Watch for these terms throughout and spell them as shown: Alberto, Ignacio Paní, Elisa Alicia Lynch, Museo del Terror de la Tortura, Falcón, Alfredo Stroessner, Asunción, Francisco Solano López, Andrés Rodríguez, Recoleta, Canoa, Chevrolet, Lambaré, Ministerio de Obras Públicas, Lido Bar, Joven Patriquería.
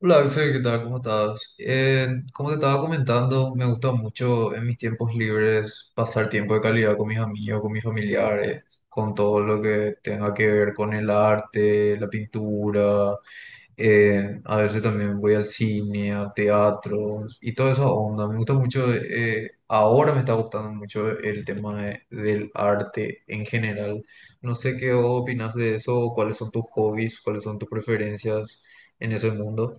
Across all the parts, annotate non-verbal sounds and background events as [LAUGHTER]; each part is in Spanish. Hola Axel, ¿qué tal? ¿Cómo estás? Como te estaba comentando, me gusta mucho en mis tiempos libres pasar tiempo de calidad con mis amigos, con mis familiares, con todo lo que tenga que ver con el arte, la pintura. A veces también voy al cine, a teatros y toda esa onda. Me gusta mucho, ahora me está gustando mucho el tema del arte en general. No sé qué opinas de eso, cuáles son tus hobbies, cuáles son tus preferencias en ese mundo.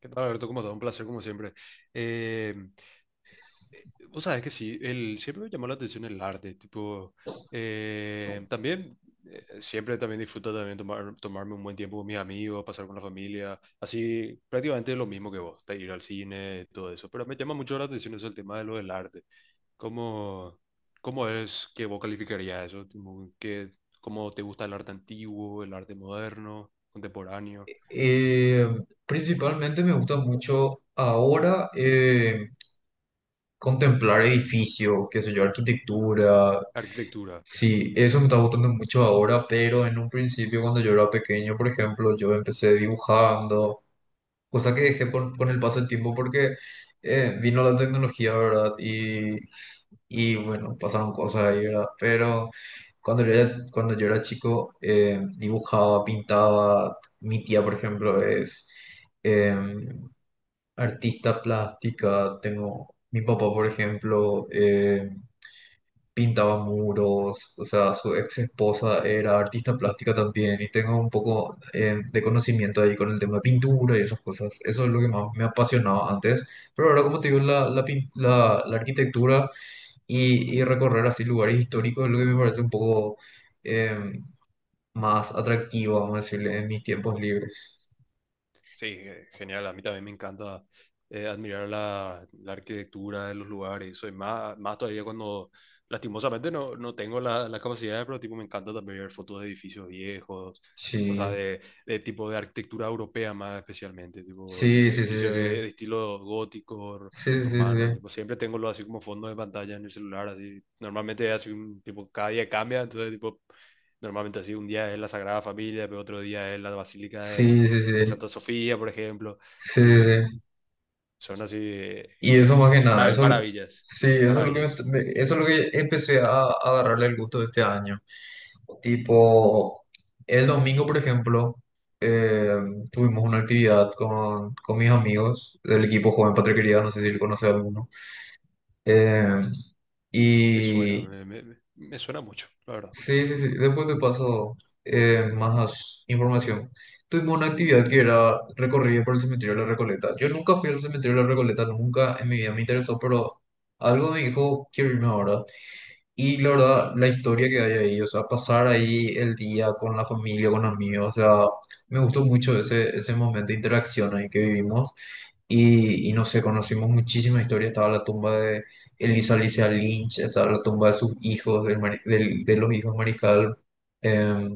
¿Qué tal, Alberto? ¿Cómo estás? Un placer, como siempre. Eh, vos sabés que sí, siempre me llamó la atención el arte, tipo, eh, también, siempre también disfruto también tomarme un buen tiempo con mis amigos, pasar con la familia, así, prácticamente lo mismo que vos, de ir al cine, todo eso, pero me llama mucho la atención eso, el tema de lo del arte. ¿Cómo, ¿cómo es que vos calificarías eso? Tipo, ¿cómo te gusta el arte antiguo, el arte moderno, contemporáneo, Eh, Principalmente me gusta mucho ahora, contemplar edificios, qué sé yo, arquitectura. arquitectura? Sí, eso me está gustando mucho ahora, pero en un principio cuando yo era pequeño, por ejemplo, yo empecé dibujando. Cosa que dejé con el paso del tiempo porque vino la tecnología, ¿verdad? Y y bueno, pasaron cosas ahí, ¿verdad? Pero cuando yo era chico, dibujaba, pintaba. Mi tía, por ejemplo, es, em, artista plástica. Tengo mi papá, por ejemplo, pintaba muros, o sea, su ex esposa era artista plástica también, y tengo un poco de conocimiento ahí con el tema de pintura y esas cosas. Eso es lo que más me apasionaba antes, pero ahora, como te digo, la arquitectura y recorrer así lugares históricos es lo que me parece un poco eh, más atractivo, vamos a decirle, en mis tiempos libres. Sí, genial. A mí también me encanta admirar la arquitectura de los lugares. Soy más, más todavía cuando, lastimosamente, no tengo la capacidad, pero tipo, me encanta también ver fotos de edificios viejos, o sea, Sí, de tipo de arquitectura europea más especialmente, tipo de sí, sí, sí, edificios sí. de estilo gótico, Sí, sí, romano. sí, Tipo, siempre tengo lo así como fondo de pantalla en el celular. Así. Normalmente, así, tipo, cada día cambia, entonces, tipo, normalmente así, un día es la Sagrada Familia, pero otro día es la Basílica sí, sí, sí, de sí, Santa Sofía, por ejemplo, sí, sí. y Sí. son así Y eso más que nada, eso, maravillas, sí, eso es lo maravillas. que, eso es lo que empecé a agarrarle el gusto de este año. Tipo, el domingo, por ejemplo, eh, tuvimos una actividad con mis amigos del equipo Joven Patriquería, no sé si lo conoce alguno. Eh, Me suena, y me suena mucho, la verdad. sí, sí, sí. Después te paso más información. Tuvimos una actividad que era recorrida por el cementerio de la Recoleta. Yo nunca fui al cementerio de la Recoleta, nunca en mi vida me interesó, pero algo me dijo, quiero irme ahora. Y la verdad, la historia que hay ahí, o sea, pasar ahí el día con la familia, con amigos, o sea, me gustó mucho ese ese momento de interacción ahí que vivimos. Y no sé, conocimos muchísimas historias. Estaba la tumba de Elisa Alicia Lynch, estaba la tumba de sus hijos, de los hijos Mariscal eh,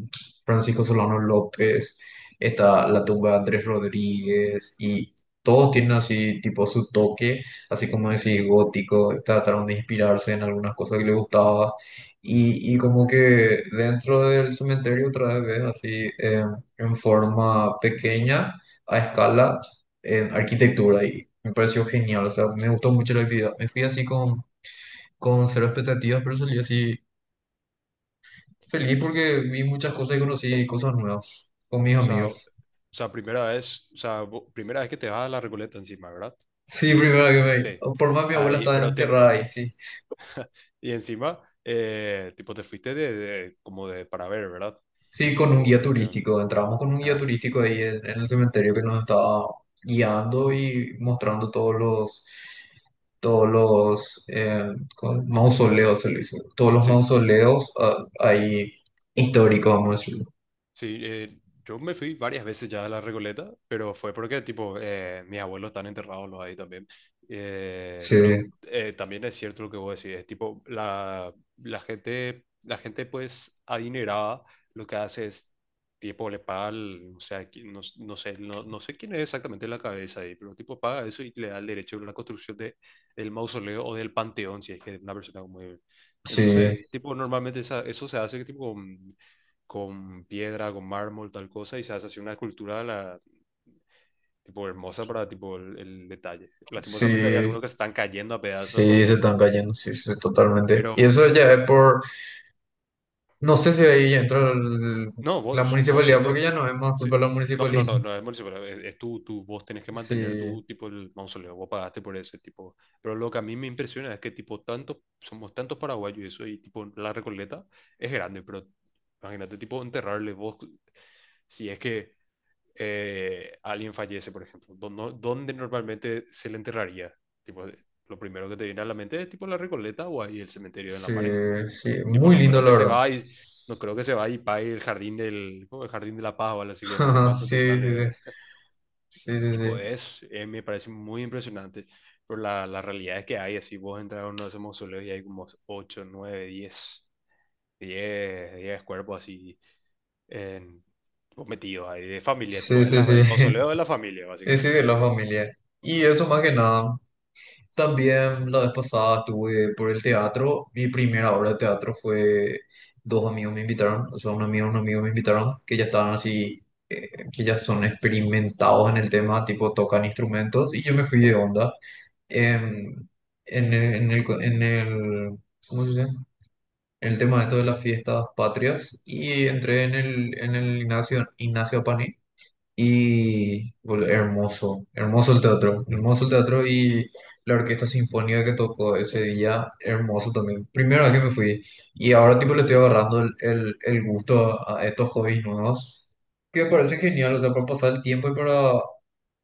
Francisco Solano López, está la tumba de Andrés Rodríguez, y todos tienen así, tipo, su toque, así como decir, gótico. Trataron de inspirarse en algunas cosas que les gustaba. Y y como que dentro del cementerio otra vez ves así, eh, en forma pequeña, a escala, en arquitectura, y me pareció genial, o sea, me gustó mucho la actividad. Me fui así con cero expectativas, pero salí así feliz porque vi muchas cosas y conocí cosas nuevas con mis O sea, o amigos. sea, primera vez, o sea, primera vez que te vas a la Recoleta encima, ¿verdad? Sí, primero que Sí. me... Por más mi Ah, abuela y- está pero te, enterrada per- ahí, sí. y encima, tipo, te fuiste de, como de para ver, ¿verdad? Sí, con un guía Tipo, de, un- turístico. Entramos con un guía ah, turístico ahí en el cementerio que nos estaba guiando y mostrando todos los... Todos los mausoleos, se le dice. Todos los sí. mausoleos ah, ahí históricos, vamos a decirlo. Sí, yo me fui varias veces ya a la Recoleta, pero fue porque, tipo, mis abuelos están enterrados los ahí también. Pero Sí. También es cierto lo que vos decís, es tipo, la gente, pues, adinerada, lo que hace es, tipo, le paga, o sea, no, no sé, no sé quién es exactamente la cabeza ahí, pero, tipo, paga eso y le da el derecho a la construcción de, del mausoleo o del panteón, si es que es una persona muy... Sí, Entonces, tipo, normalmente eso se hace, que, tipo, con piedra, con mármol, tal cosa, y se hace así una escultura la, tipo hermosa para tipo el detalle. Lastimosamente hay sí, algunos que se están cayendo a pedazos sí, así, se están cayendo, sí, sí, totalmente. Y pero eso ya es por, no sé si ahí entra no, la vos municipalidad, porque siendo... ya no es más culpa Sí. de la No, no, municipalidad. no, [LAUGHS] no es municipal, es tu, vos tenés que mantener tu Sí, tipo el mausoleo, vos pagaste por ese tipo. Pero lo que a mí me impresiona es que tipo tantos, somos tantos paraguayos y eso, y tipo la Recoleta es grande, pero imagínate tipo enterrarle vos, si es que alguien fallece, por ejemplo, ¿dónde normalmente se le enterraría? Tipo, lo primero que te viene a la mente es tipo la Recoleta o ahí el cementerio de sí, Lambaré. sí, Tipo, muy no lindo, creo la que se verdad. vaya y no creo que se vaya y pague el jardín del ¿cómo? El jardín de la paz o algo así que no sé [LAUGHS] cuánto te Sí, sí, sale. [LAUGHS] sí, sí, Tipo, sí, es me parece muy impresionante. Pero la realidad es que hay así, vos entras a uno de esos mausoleos y hay como 8 9 10 10, 10 cuerpos así en, tipo, metidos ahí, de familia, tipo, sí, sí, sí, sí. el Sí. mausoleo de la familia, Ese básicamente. de la familia. Y eso más que nada. También la vez pasada estuve por el teatro. Mi primera obra de teatro fue, dos amigos me invitaron, o sea, un amigo y un amigo me invitaron, que ya estaban así, que ya son experimentados en el tema, tipo tocan instrumentos, y yo me fui de onda. Ujú, Em, en el, co- en el- ¿Cómo se dice? En el tema de esto de las fiestas patrias, y entré en el Ignacio, Ignacio Paní, y hermoso, hermoso el teatro, hermoso el teatro, y la orquesta sinfónica que tocó ese día, hermoso también. Primera vez que me fui, y ahora tipo le estoy agarrando el gusto a estos hobbies nuevos, que me parece genial, o sea, para pasar el tiempo y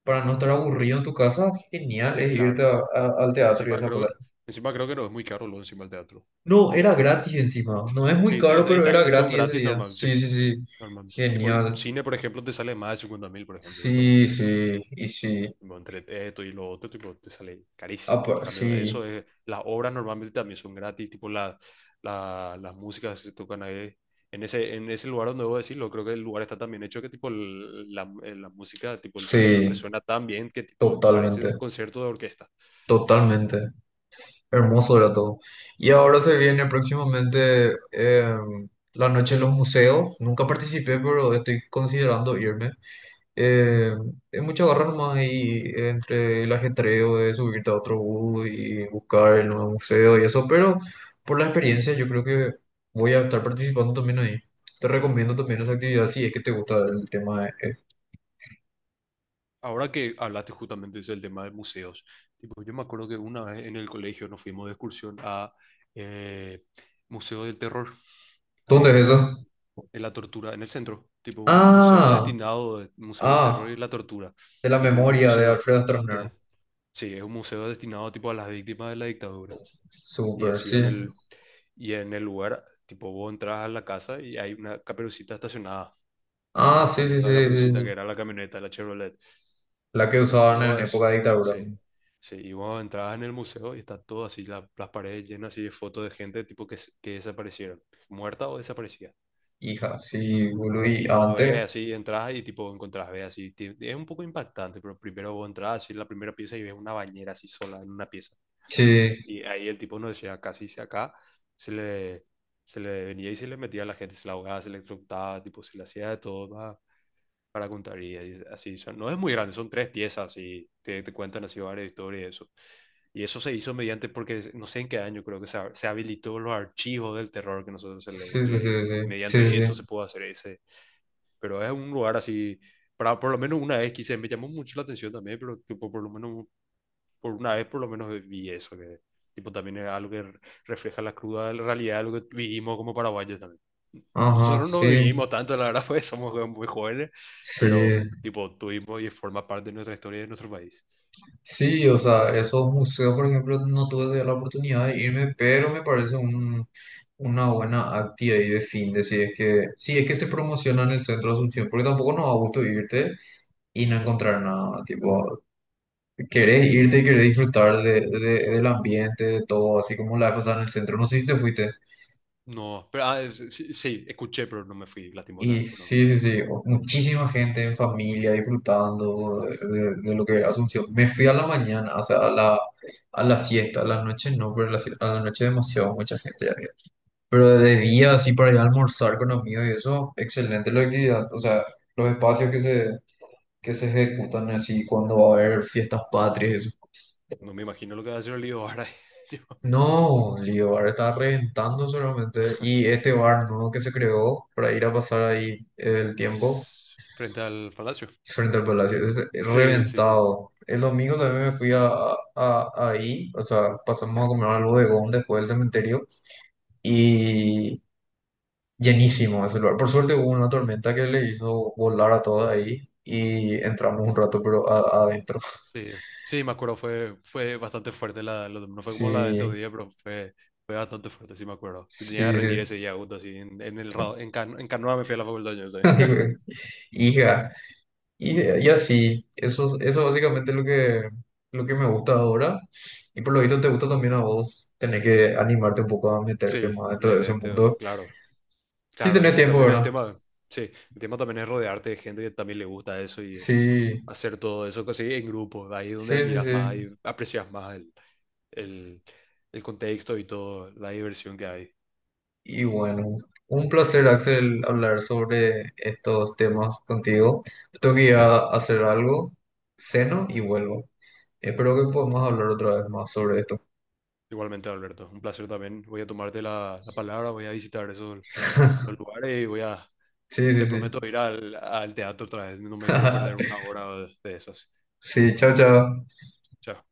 para no estar aburrido en tu casa. Genial es irte claro. Al teatro y Encima esa cosa. creo, encima creo que no es muy caro lo encima del teatro. No, era gratis encima, no es muy Sí, caro, ahí pero está, era es un gratis ese gratis día. normal, sí. Sí, sí, sí, Normal. Tipo, un genial. cine, por ejemplo, te sale más de 50 mil, por ejemplo, irte a un Sí, cine. sí, y sí. Bueno, entre esto y lo otro, tipo, te sale Ah, carísimo. En pa- cambio, sí, eso es, las obras normalmente también son gratis, tipo la, las músicas que se tocan ahí. En ese lugar donde debo decirlo, creo que el lugar está tan bien hecho que tipo la música, tipo el sonido sí, resuena tan bien que tipo parece un totalmente, concierto de orquesta. totalmente. Hermoso era todo. Y ahora se viene próximamente, la noche en los museos. Nunca participé, pero estoy considerando irme. Es mucha garra nomás ahí entre el ajetreo de subirte a otro bus y buscar el nuevo museo y eso, pero por la experiencia yo creo que voy a estar participando también ahí. Te recomiendo también esa actividad si es que te gusta el tema. Ahora que hablaste justamente del tema de museos, tipo, yo me acuerdo que una vez en el colegio nos fuimos de excursión a eh, Museo del Terror ¿Dónde es de, eso? de la Tortura en el centro, tipo un museo Ah. destinado, al Museo del Terror y Ah, la Tortura, de la tipo un memoria de museo, Alfredo Stroessner. eh, sí, es un museo destinado tipo a las víctimas de la dictadura. Y Súper, así sí. Y en el lugar, tipo vos entras a la casa y hay una caperucita estacionada, tipo, Ah, una sí, sí, famosa sí, sí, caperucita que sí. era la camioneta, la Chevrolet. La que Y usaban en época vos, de dictadura. sí, sí, y vos entrabas en el museo y está todo así, las paredes llenas así de fotos de gente tipo que, que desaparecieron, muerta o desaparecida. Hija, sí, boludo, y Y vos antes. ves así, entras y tipo encontrás, ves así, es un poco impactante, pero primero vos entras así en la primera pieza y ves una bañera así sola en una pieza. Sí, Y ahí el tipo no decía, casi se acá, se le, se le venía y se le metía a la gente, se la ahogaba, se le electrocutaba, tipo se le hacía de todo, va, para contar y así son. No es muy grande, son tres piezas y te cuentan así varias historias y eso. Y eso se hizo mediante, porque no sé en qué año creo que se, se habilitó los archivos del terror que nosotros sí, se sí, le sí, dice. sí, sí, sí, Mediante eso sí. se puede hacer ese. Pero es un lugar así, para, por lo menos una vez quise, me llamó mucho la atención también, pero tipo, por lo menos, por una vez por lo menos vi eso, que tipo también es algo que refleja la cruda realidad de lo que vivimos como paraguayos también. Ajá, Nosotros sí, no vivimos tanto, la verdad, [LAUGHS] pues somos muy jóvenes, sí. pero tipo tuvimos y forma parte de nuestra historia y de nuestro país. Sí, o sea, esos museos, por ejemplo, no tuve la oportunidad de irme, pero me parece un, una buena actividad y de fin de, si es que, si es que se promociona en el centro de Asunción, porque tampoco nos da gusto irte y no encontrar nada, tipo, querés irte, querés disfrutar del ambiente, de todo, así como la vez pasada en el centro. No sé si te fuiste. No, pero sí, sí, escuché, pero no me fui, Y lastimosamente, no. sí, sí, sí, o- muchísima No, gente en familia disfrutando de, de- lo que era Asunción. Me fui a la mañana, o sea, a la siesta, a la noche no, pero a la, no a la noche demasiado mucha gente ya había. Pero de día, así para ir a almorzar con amigos y eso, excelente la actividad. O sea, los espacios que se ejecutan así cuando va a haber fiestas patrias. no me imagino lo que va a hacer el lío ahora, [LAUGHS] tipo, No, Lido Bar está reventando solamente. Y este bar nuevo que se creó para ir a pasar ahí el tiempo frente al palacio. frente al palacio, es Sí, sí, sí, reventado. El domingo también me fui ahí, o sea, pasamos a comer al bodegón después del cementerio, y llenísimo ese lugar. Por suerte hubo una tormenta que le hizo volar a todos ahí, y entramos un rato, pero adentro. [LAUGHS] sí, sí, me acuerdo, fue, fue bastante fuerte, la, no fue como la de estos Sí, días, pero fue, fue bastante fuerte, sí me acuerdo. Yo tenía que sí, rendir sí. ese día, justo así, en el, ra- en, Can- en Canoa me fui a la facultad, yo [LAUGHS] sé. Ay, güey. Hija. Y y así, eso, eso básicamente es lo que me gusta ahora. Y por lo visto te gusta también a vos, tener que animarte un poco a meterte Sí, más dentro de ese mundo. claro, ¿Sí claro, tenés ese tiempo, también es el verdad? tema. Sí, el tema también es rodearte de gente que también le gusta eso y Sí, hacer todo eso así en grupo. De ahí es donde sí, sí, admiras más sí. y aprecias más el, el contexto y toda la diversión que hay. Y bueno, un placer, Axel, hablar sobre estos temas contigo. Tengo que ir a hacer algo, ceno y vuelvo. Espero que podamos hablar otra vez más sobre esto. Igualmente, Alberto, un placer también. Voy a tomarte la palabra, voy a visitar esos los [LAUGHS] lugares y voy a, Sí, sí, te prometo sí. ir al, al teatro otra vez. No me quiero perder [LAUGHS] una hora de esas. Sí, chao, chao. Chao.